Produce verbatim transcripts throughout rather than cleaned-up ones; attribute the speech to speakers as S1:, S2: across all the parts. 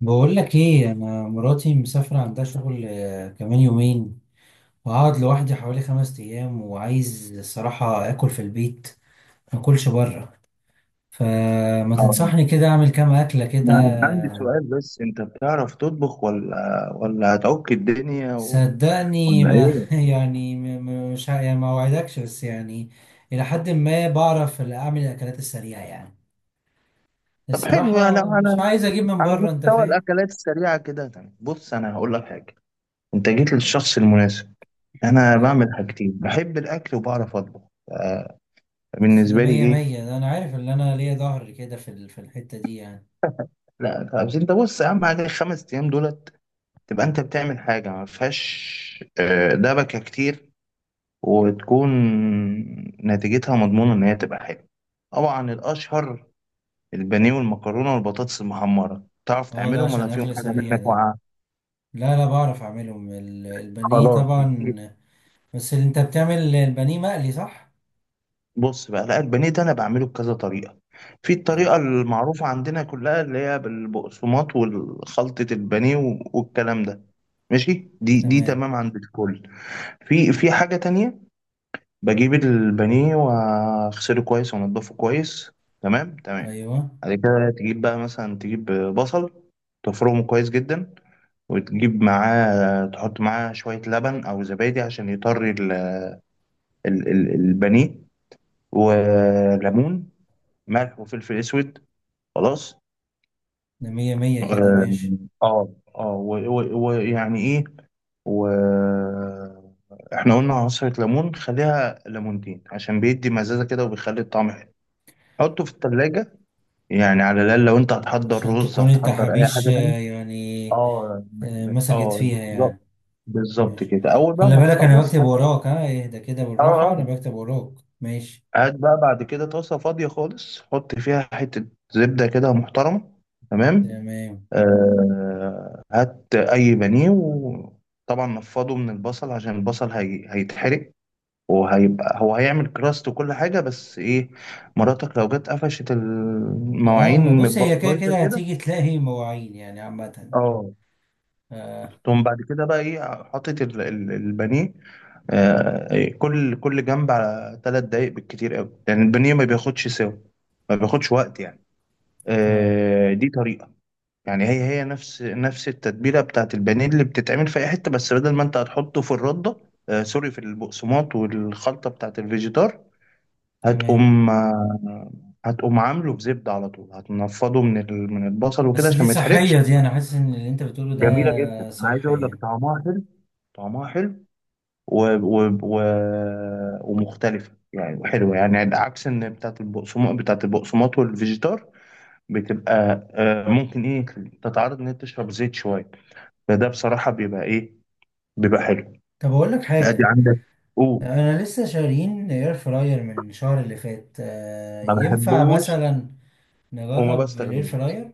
S1: بقول لك ايه، انا مراتي مسافره عندها شغل، آه، كمان يومين، وهقعد لوحدي حوالي خمس ايام، وعايز الصراحه اكل في البيت، ما اكلش بره. فما
S2: آه،
S1: تنصحني كده اعمل كام اكله كده؟
S2: أنا عندي سؤال، بس أنت بتعرف تطبخ ولا ولا هتعك الدنيا و...
S1: صدقني.
S2: ولا
S1: ب...
S2: إيه؟
S1: يعني م- م- مش ه- يعني ما اوعدكش، بس يعني الى حد ما بعرف اعمل الاكلات السريعه يعني.
S2: طب، حلو يعني
S1: الصراحه مش
S2: على
S1: عايز اجيب من
S2: على
S1: بره، انت
S2: مستوى
S1: فاهم.
S2: الأكلات السريعة كده، تمام. بص، أنا هقول لك حاجة. أنت جيت للشخص المناسب. أنا
S1: أيوة.
S2: بعمل حاجتين، بحب الأكل وبعرف أطبخ. آه،
S1: بس ده
S2: بالنسبة لي
S1: مية
S2: إيه؟
S1: مية، ده انا عارف ان انا ليا ظهر كده في ال- في الحته دي يعني.
S2: لا، بس أنت بص، أهم حاجة الخمس أيام دولت تبقى أنت بتعمل حاجة ما فيهاش آه، دبكة كتير، وتكون نتيجتها مضمونة إن هي تبقى حلوة. طبعا الأشهر البانيه والمكرونه والبطاطس المحمره، تعرف
S1: اه، ده
S2: تعملهم ولا
S1: عشان
S2: فيهم
S1: اكل
S2: حاجه
S1: سريع
S2: منك
S1: ده.
S2: واقعه؟
S1: لا لا، بعرف اعملهم، ال- البانيه
S2: خلاص يطير.
S1: طبعا. بس اللي انت بتعمل البانيه مقلي، صح؟
S2: بص بقى، لا، البانيه ده انا بعمله بكذا طريقه. في
S1: اه،
S2: الطريقه المعروفه عندنا كلها، اللي هي بالبقسماط والخلطه البانيه و- والكلام ده. ماشي، دي دي
S1: تمام.
S2: تمام عند الكل. في في حاجه تانية. بجيب البانيه واغسله كويس وانضفه كويس، تمام تمام.
S1: ايوه،
S2: بعد كده تجيب بقى، مثلا تجيب بصل، تفرمه كويس جدا. وتجيب معاه تحط معاه شوية لبن أو زبادي عشان يطري ال- ال- ال- البانيه، وليمون، ملح وفلفل أسود. خلاص.
S1: ده مية مية كده،
S2: اه،
S1: ماشي.
S2: اه. آه، و- و- ويعني ايه. و احنا قلنا عصرة ليمون، خليها ليمونتين عشان بيدي مزازة كده، وبيخلي الطعم حلو. حطه في التلاجة. يعني على الأقل لو أنت هتحضر
S1: عشان
S2: رز،
S1: تكون
S2: هتحضر أي
S1: التحابيش
S2: حاجة تانية.
S1: آه، يعني.
S2: اه، م-
S1: آه،
S2: م-
S1: مسكت
S2: اه،
S1: فيها
S2: بالظبط.
S1: يعني.
S2: بالظبط
S1: ماشي،
S2: كده. أول بقى
S1: خلي
S2: ما
S1: بالك انا
S2: تخلص
S1: بكتب
S2: هت-
S1: وراك، ها اهدى كده
S2: اه،
S1: بالراحة، انا
S2: اه.
S1: بكتب وراك. ماشي،
S2: هات بقى بعد كده طاسة فاضية خالص، حط فيها حتة زبدة كده محترمة. تمام.
S1: تمام.
S2: آه هات أي بانيه، وطبعا نفضه من البصل عشان البصل هي... هيتحرق. وهيبقى هو هيعمل كراست وكل حاجة، بس إيه؟ مراتك لو جت قفشت
S1: اه، ما
S2: المواعين من
S1: بص،
S2: بق-
S1: هي كده
S2: بايظة
S1: كده
S2: كده.
S1: هتيجي تلاقي مواعين يعني عامة.
S2: اه.
S1: اه
S2: تقوم بعد كده بقى إيه، حاطط ال- ال- البانيه. آه، إيه، كل كل جنب على ثلاث دقايق بالكتير قوي، لأن يعني البانيه ما بياخدش سوا. ما بياخدش وقت يعني.
S1: اه،
S2: آه، دي طريقة. يعني هي هي نفس نفس التتبيلة بتاعت البانيه اللي بتتعمل في أي حتة، بس بدل ما أنت هتحطه في الردة، آه، سوري، في البقسماط والخلطة بتاعت الفيجيتار.
S1: تمام.
S2: هتقوم آه، هتقوم عامله في زبدة، على طول هتنفضه من ال- من البصل وكده
S1: بس
S2: عشان
S1: دي
S2: ما يتحرقش.
S1: صحية دي، أنا حاسس إن اللي أنت بتقوله ده
S2: جميلة جدا، عايز أقول لك
S1: صحية.
S2: طعمها حلو. طعمها حلو. و... و... و... ومختلفة يعني، حلوة يعني عكس إن بتاعت البقسماط، بتاعت البقسماط والفيجيتار بتبقى آه، ممكن ايه تتعرض ان هي تشرب زيت شويه. فده بصراحه بيبقى ايه، بيبقى حلو.
S1: طب أقول لك
S2: ادي
S1: حاجة.
S2: عندك. او
S1: أنا لسه شارين إير فراير من الشهر اللي فات، آه،
S2: ما
S1: ينفع
S2: بحبوش
S1: مثلا
S2: وما
S1: نجرب الإير
S2: بستخدموش.
S1: فراير؟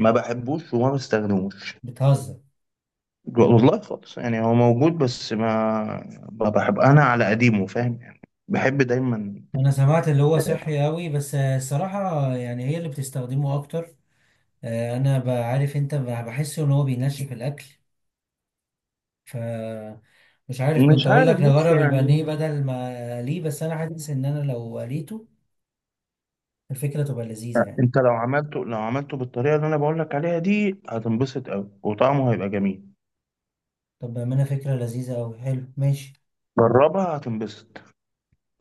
S2: ما بحبوش وما بستخدموش.
S1: بتهزر.
S2: والله خالص يعني، هو موجود بس ما ما بحب انا على قديمه، فاهم يعني. بحب دايما.
S1: أنا سمعت اللي هو صحي أوي، بس آه، الصراحة يعني هي اللي بتستخدمه أكتر. آه، أنا بعرف، أنت ب- بحس إن هو بينشف الأكل. ف مش عارف، كنت
S2: مش
S1: أقول لك
S2: عارف، بص
S1: نجرب البانيه
S2: يعني.
S1: بدل ما أقليه، بس أنا حاسس إن أنا لو قليته الفكرة تبقى لذيذة يعني.
S2: انت لو عملته لو عملته بالطريقه اللي انا بقول لك عليها دي، هتنبسط قوي وطعمه هيبقى جميل.
S1: طب ما أنا فكرة لذيذة أوي، حلو، ماشي.
S2: جربها، هتنبسط.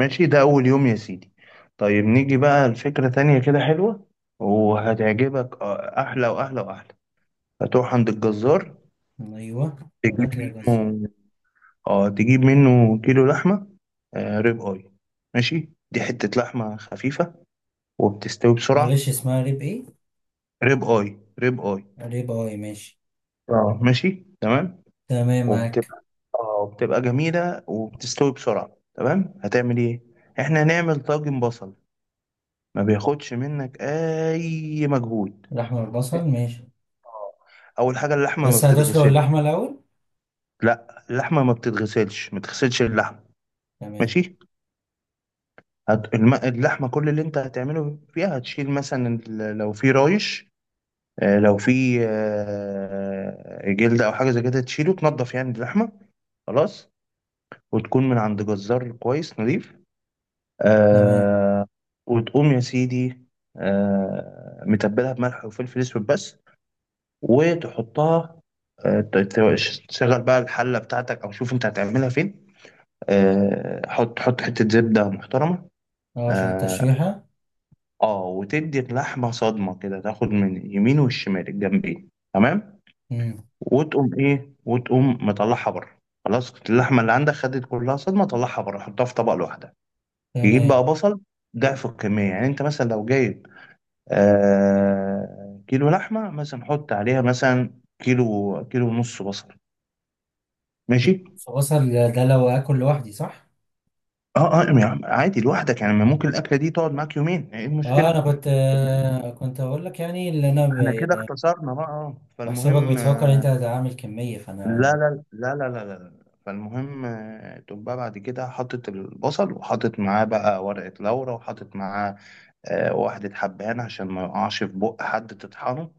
S2: ماشي، ده أول يوم يا سيدي. طيب، نيجي بقى لفكرة تانية كده حلوة وهتعجبك، آه، أحلى وأحلى وأحلى. هتروح عند الجزار.
S1: ايوه،
S2: تجيب
S1: هات لي يا جزار.
S2: منه. اه، تجيب منه كيلو لحمة. آه ريب اي. ماشي، دي حتة لحمة خفيفة وبتستوي
S1: معلش،
S2: بسرعة.
S1: اسمها ريب ايه؟
S2: ريب اي، ريب اي.
S1: ريب اي، ماشي.
S2: اه، ماشي تمام.
S1: تمام، معاك.
S2: وبتبقى... اه، بتبقى جميلة وبتستوي بسرعة. تمام، هتعمل ايه؟ احنا هنعمل طاجن بصل. ما بياخدش منك اي مجهود.
S1: اللحمه والبصل، ماشي.
S2: آه. اول حاجه، اللحمه ما
S1: بس هتسلق
S2: بتتغسل.
S1: اللحمه الاول؟
S2: لا، اللحمه ما بتتغسلش، ما تغسلش اللحمه.
S1: تمام
S2: ماشي. هت... الم... اللحمه كل اللي انت هتعمله فيها، هتشيل مثلا ال- لو في رايش، آه، لو في آه، جلد او حاجه زي كده، تشيله، تنضف يعني اللحمه. خلاص. وتكون من عند جزار كويس نظيف.
S1: تمام.
S2: آه. وتقوم يا سيدي، آه متبلها بملح وفلفل اسود بس، وتحطها. آه، ت- ت- تشغل بقى الحلة بتاعتك، أو شوف أنت هتعملها فين. آه، حط حط حتة زبدة محترمة.
S1: اه، عشان
S2: اه.
S1: التشويحه.
S2: آه، وتدي اللحمة صدمة كده، تاخد من اليمين والشمال الجنبين. تمام.
S1: امم،
S2: وتقوم إيه وتقوم مطلعها بره. خلاص، اللحمة اللي عندك خدت كلها صدمة، طلعها بره، حطها في طبق لوحدها. تجيب بقى
S1: تمام.
S2: بصل، ضعف الكمية. يعني أنت مثلا لو جايب آه كيلو لحمة مثلا، حط عليها مثلا كيلو، كيلو ونص بصل. ماشي.
S1: بصل ده لو اكل لوحدي، صح؟
S2: اه، اه، يعني عادي لوحدك يعني، ما ممكن الاكله دي تقعد معاك يومين، ايه
S1: اه،
S2: المشكله؟
S1: انا كنت آه كنت اقول لك يعني اللي انا
S2: احنا كده
S1: ب-
S2: اختصرنا بقى، اه.
S1: بحسبك
S2: فالمهم
S1: بتفكر انت
S2: آه،
S1: هتعمل كميه،
S2: لا،
S1: فانا
S2: لا، لا، لا، لا، لا. فالمهم آه، تقوم بقى بعد كده حاطط البصل، وحاطط معاه بقى ورقة لورا، وحاطط معاه آه، واحدة حبهان عشان ما يقعش في بق حد تطحنه.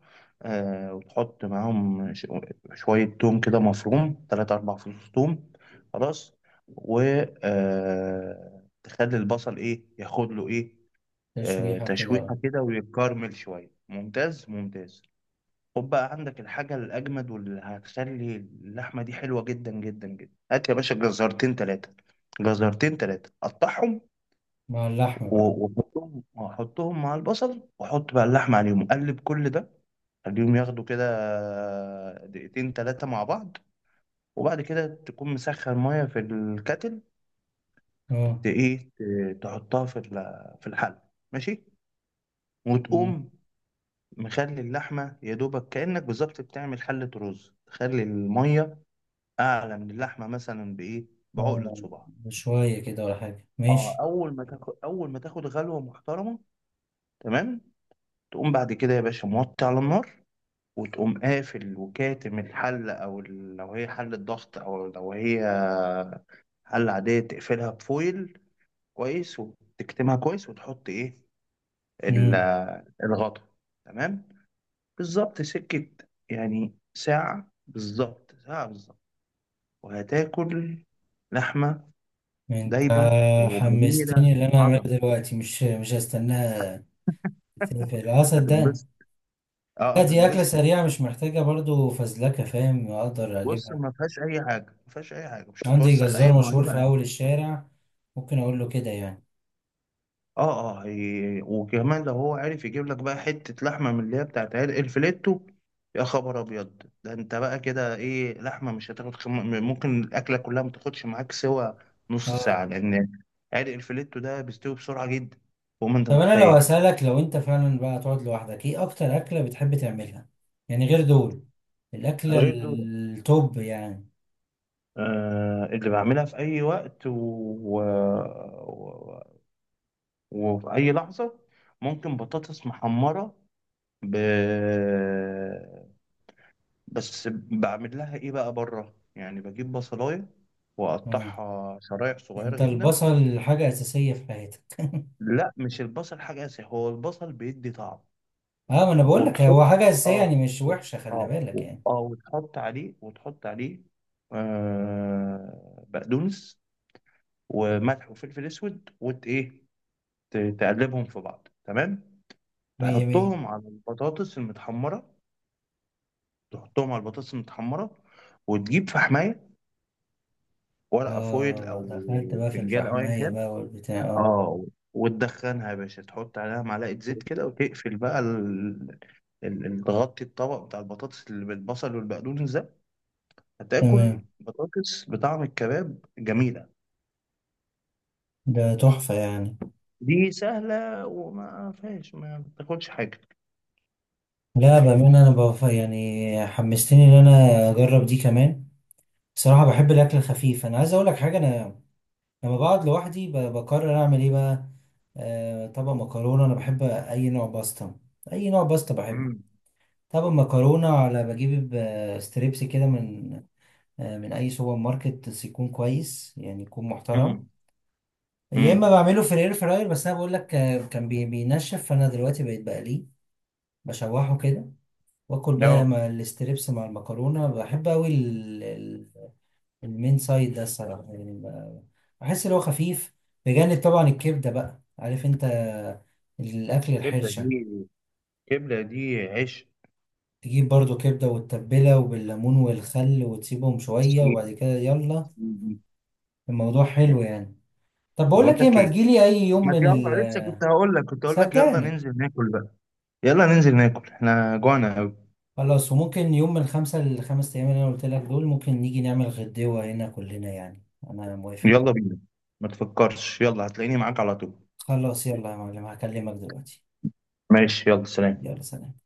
S2: آه، وتحط معاهم ش- شوية توم كده مفروم، تلاتة أربع فصوص توم. خلاص. و آه، تخلي البصل إيه، ياخد له إيه؟ آه،
S1: تشويحه كده
S2: تشويحة كده ويتكرمل شوية، ممتاز ممتاز. خد بقى عندك الحاجة الأجمد واللي هتخلي اللحمة دي حلوة جدا جدا جدا، هات يا باشا جزرتين تلاتة. جزرتين تلاتة، قطعهم
S1: مع اللحمه بقى.
S2: و- وحطهم وحطهم مع البصل، وحط بقى اللحمة عليهم، قلب كل ده. خليهم ياخدوا كده دقيقتين تلاتة مع بعض. وبعد كده تكون مسخن مية في الكتل،
S1: اه
S2: ت- ايه ت- تحطها في ال- في الحل. ماشي. وتقوم مخلي اللحمة يا دوبك، كأنك بالظبط بتعمل حلة رز، تخلي المية أعلى من اللحمة مثلا بإيه، بعقلة
S1: اه،
S2: صباع.
S1: شويه كده ولا حاجه،
S2: اه.
S1: ماشي.
S2: أول ما تاخد أول ما تاخد غلوة محترمة. تمام. تقوم بعد كده يا باشا موطي على النار، وتقوم قافل وكاتم الحلة، أو ال- لو هي حلة ضغط، أو لو هي حلة عادية تقفلها بفويل كويس، وتكتمها كويس، وتحط إيه، ال-
S1: مم.
S2: الغطا. تمام. بالظبط سكة، يعني ساعة بالظبط، ساعة بالظبط. وهتاكل لحمة
S1: انت
S2: دايبة وجميلة
S1: حمستني، اللي انا اعملها
S2: وعظمة.
S1: دلوقتي مش مش هستناها. تقفل، اه، صدقني.
S2: هتنبسط.
S1: لا،
S2: اه،
S1: دي اكله
S2: هتنبسط.
S1: سريعه مش محتاجه برضو فزلكه، فاهم، اقدر
S2: بص،
S1: اجيبها.
S2: ما فيهاش أي حاجة، ما فيهاش أي حاجة، مش
S1: عندي
S2: هتوسخ أي
S1: جزار مشهور
S2: مواعين.
S1: في اول الشارع، ممكن اقول له كده يعني.
S2: اه، اه، هي- وكمان لو هو عارف يجيب لك بقى حتة لحمة من اللي هي بتاعت عيال الفليتو، يا خبر ابيض، ده انت بقى كده ايه، لحمة مش هتاخد خم... ممكن الاكلة كلها ما تاخدش معاك سوى نص
S1: اه،
S2: ساعة، لان عرق الفليتو ده بيستوي بسرعة جدا، فوق ما انت
S1: طب انا لو
S2: متخيل يعني.
S1: اسالك، لو انت فعلا بقى تقعد لوحدك، ايه اكتر اكله بتحب تعملها؟ يعني غير دول، الاكله
S2: غير دول،
S1: التوب يعني.
S2: آه اللي بعملها في اي وقت و... و... و... وفي اي لحظة، ممكن بطاطس محمرة. ب... بس بعمل لها ايه بقى بره يعني، بجيب بصلايه
S1: اه،
S2: واقطعها شرايح صغيره
S1: انت
S2: جدا.
S1: البصل حاجه اساسيه في حياتك
S2: لا، مش البصل حاجه اساسيه، هو البصل بيدي طعم.
S1: اه، ما انا بقول لك
S2: وتحط،
S1: هو حاجه اساسيه،
S2: اه،
S1: يعني مش
S2: وت...
S1: وحشه، خلي
S2: اه،
S1: بالك
S2: و-
S1: يعني.
S2: اه، وتحط عليه وتحط عليه آه بقدونس وملح وفلفل اسود، وت ايه، ت- تقلبهم في بعض، تمام.
S1: مية مية.
S2: تحطهم على البطاطس المتحمره تحطهم على البطاطس المتحمره، وتجيب في حمايه ورقه فويل، او
S1: اه، دخلت بقى في
S2: فنجان، او ايا
S1: الفحمية
S2: كان.
S1: بقى والبتاع، اه.
S2: اه، وتدخنها يا باشا، تحط عليها معلقة زيت كده، وتقفل بقى ال... ال... ال- تغطي الطبق بتاع البطاطس اللي بالبصل والبقدونس ده.
S1: تمام،
S2: هتاكل بطاطس بطعم الكباب، جميلة.
S1: ده تحفة يعني.
S2: دي سهلة وما فيهاش، ما بتاخدش حاجة.
S1: لا، بأمانة، أنا بف... يعني حمستني إن أنا أجرب دي كمان. بصراحة بحب الأكل الخفيف، أنا عايز أقول لك حاجة. أنا لما بقعد لوحدي ب... بقرر أعمل إيه بقى. آه طبق مكرونة، أنا بحب أي نوع باستا، أي نوع باستا بحبه.
S2: امم
S1: طبق مكرونة، على بجيب ب- ستريبس كده من آه من أي سوبر ماركت، بس يكون كويس يعني يكون محترم.
S2: امم
S1: يا اما
S2: امم
S1: بعمله في الاير فراير، بس انا بقول لك آه، كان بي- بينشف، فانا دلوقتي بقيت بقليه، بشوحه كده. واكل بقى
S2: لا،
S1: مع الاستريبس مع المكرونه، بحب قوي. المين سايد ده الصراحه يعني ب- بحس ان هو خفيف، بجانب طبعا الكبده، بقى عارف انت، الاكل
S2: كبدة
S1: الحرشه.
S2: دي، كبدة دي عيش.
S1: تجيب برضو كبده وتتبلها وبالليمون والخل وتسيبهم شويه، وبعد
S2: سيدي،
S1: كده يلا،
S2: سيدي.
S1: الموضوع حلو
S2: يعني،
S1: يعني. طب بقول
S2: بقول
S1: لك ايه،
S2: لك
S1: ما
S2: ايه،
S1: تجيلي اي يوم
S2: ما
S1: من
S2: يلا، لسه
S1: ال
S2: كنت هقول لك كنت هقول لك يلا
S1: صدقني.
S2: ننزل ناكل بقى. يلا ننزل ناكل، احنا جوعنا قوي.
S1: خلاص، وممكن يوم من خمسة لخمس أيام اللي أنا قلت لك دول، ممكن نيجي نعمل غدوة هنا كلنا يعني. أنا موافق.
S2: يلا بينا، ما تفكرش، يلا هتلاقيني معاك على طول.
S1: خلاص يلا يا معلم، هكلمك دلوقتي.
S2: ماشي، يلا سلام.
S1: يلا سلام.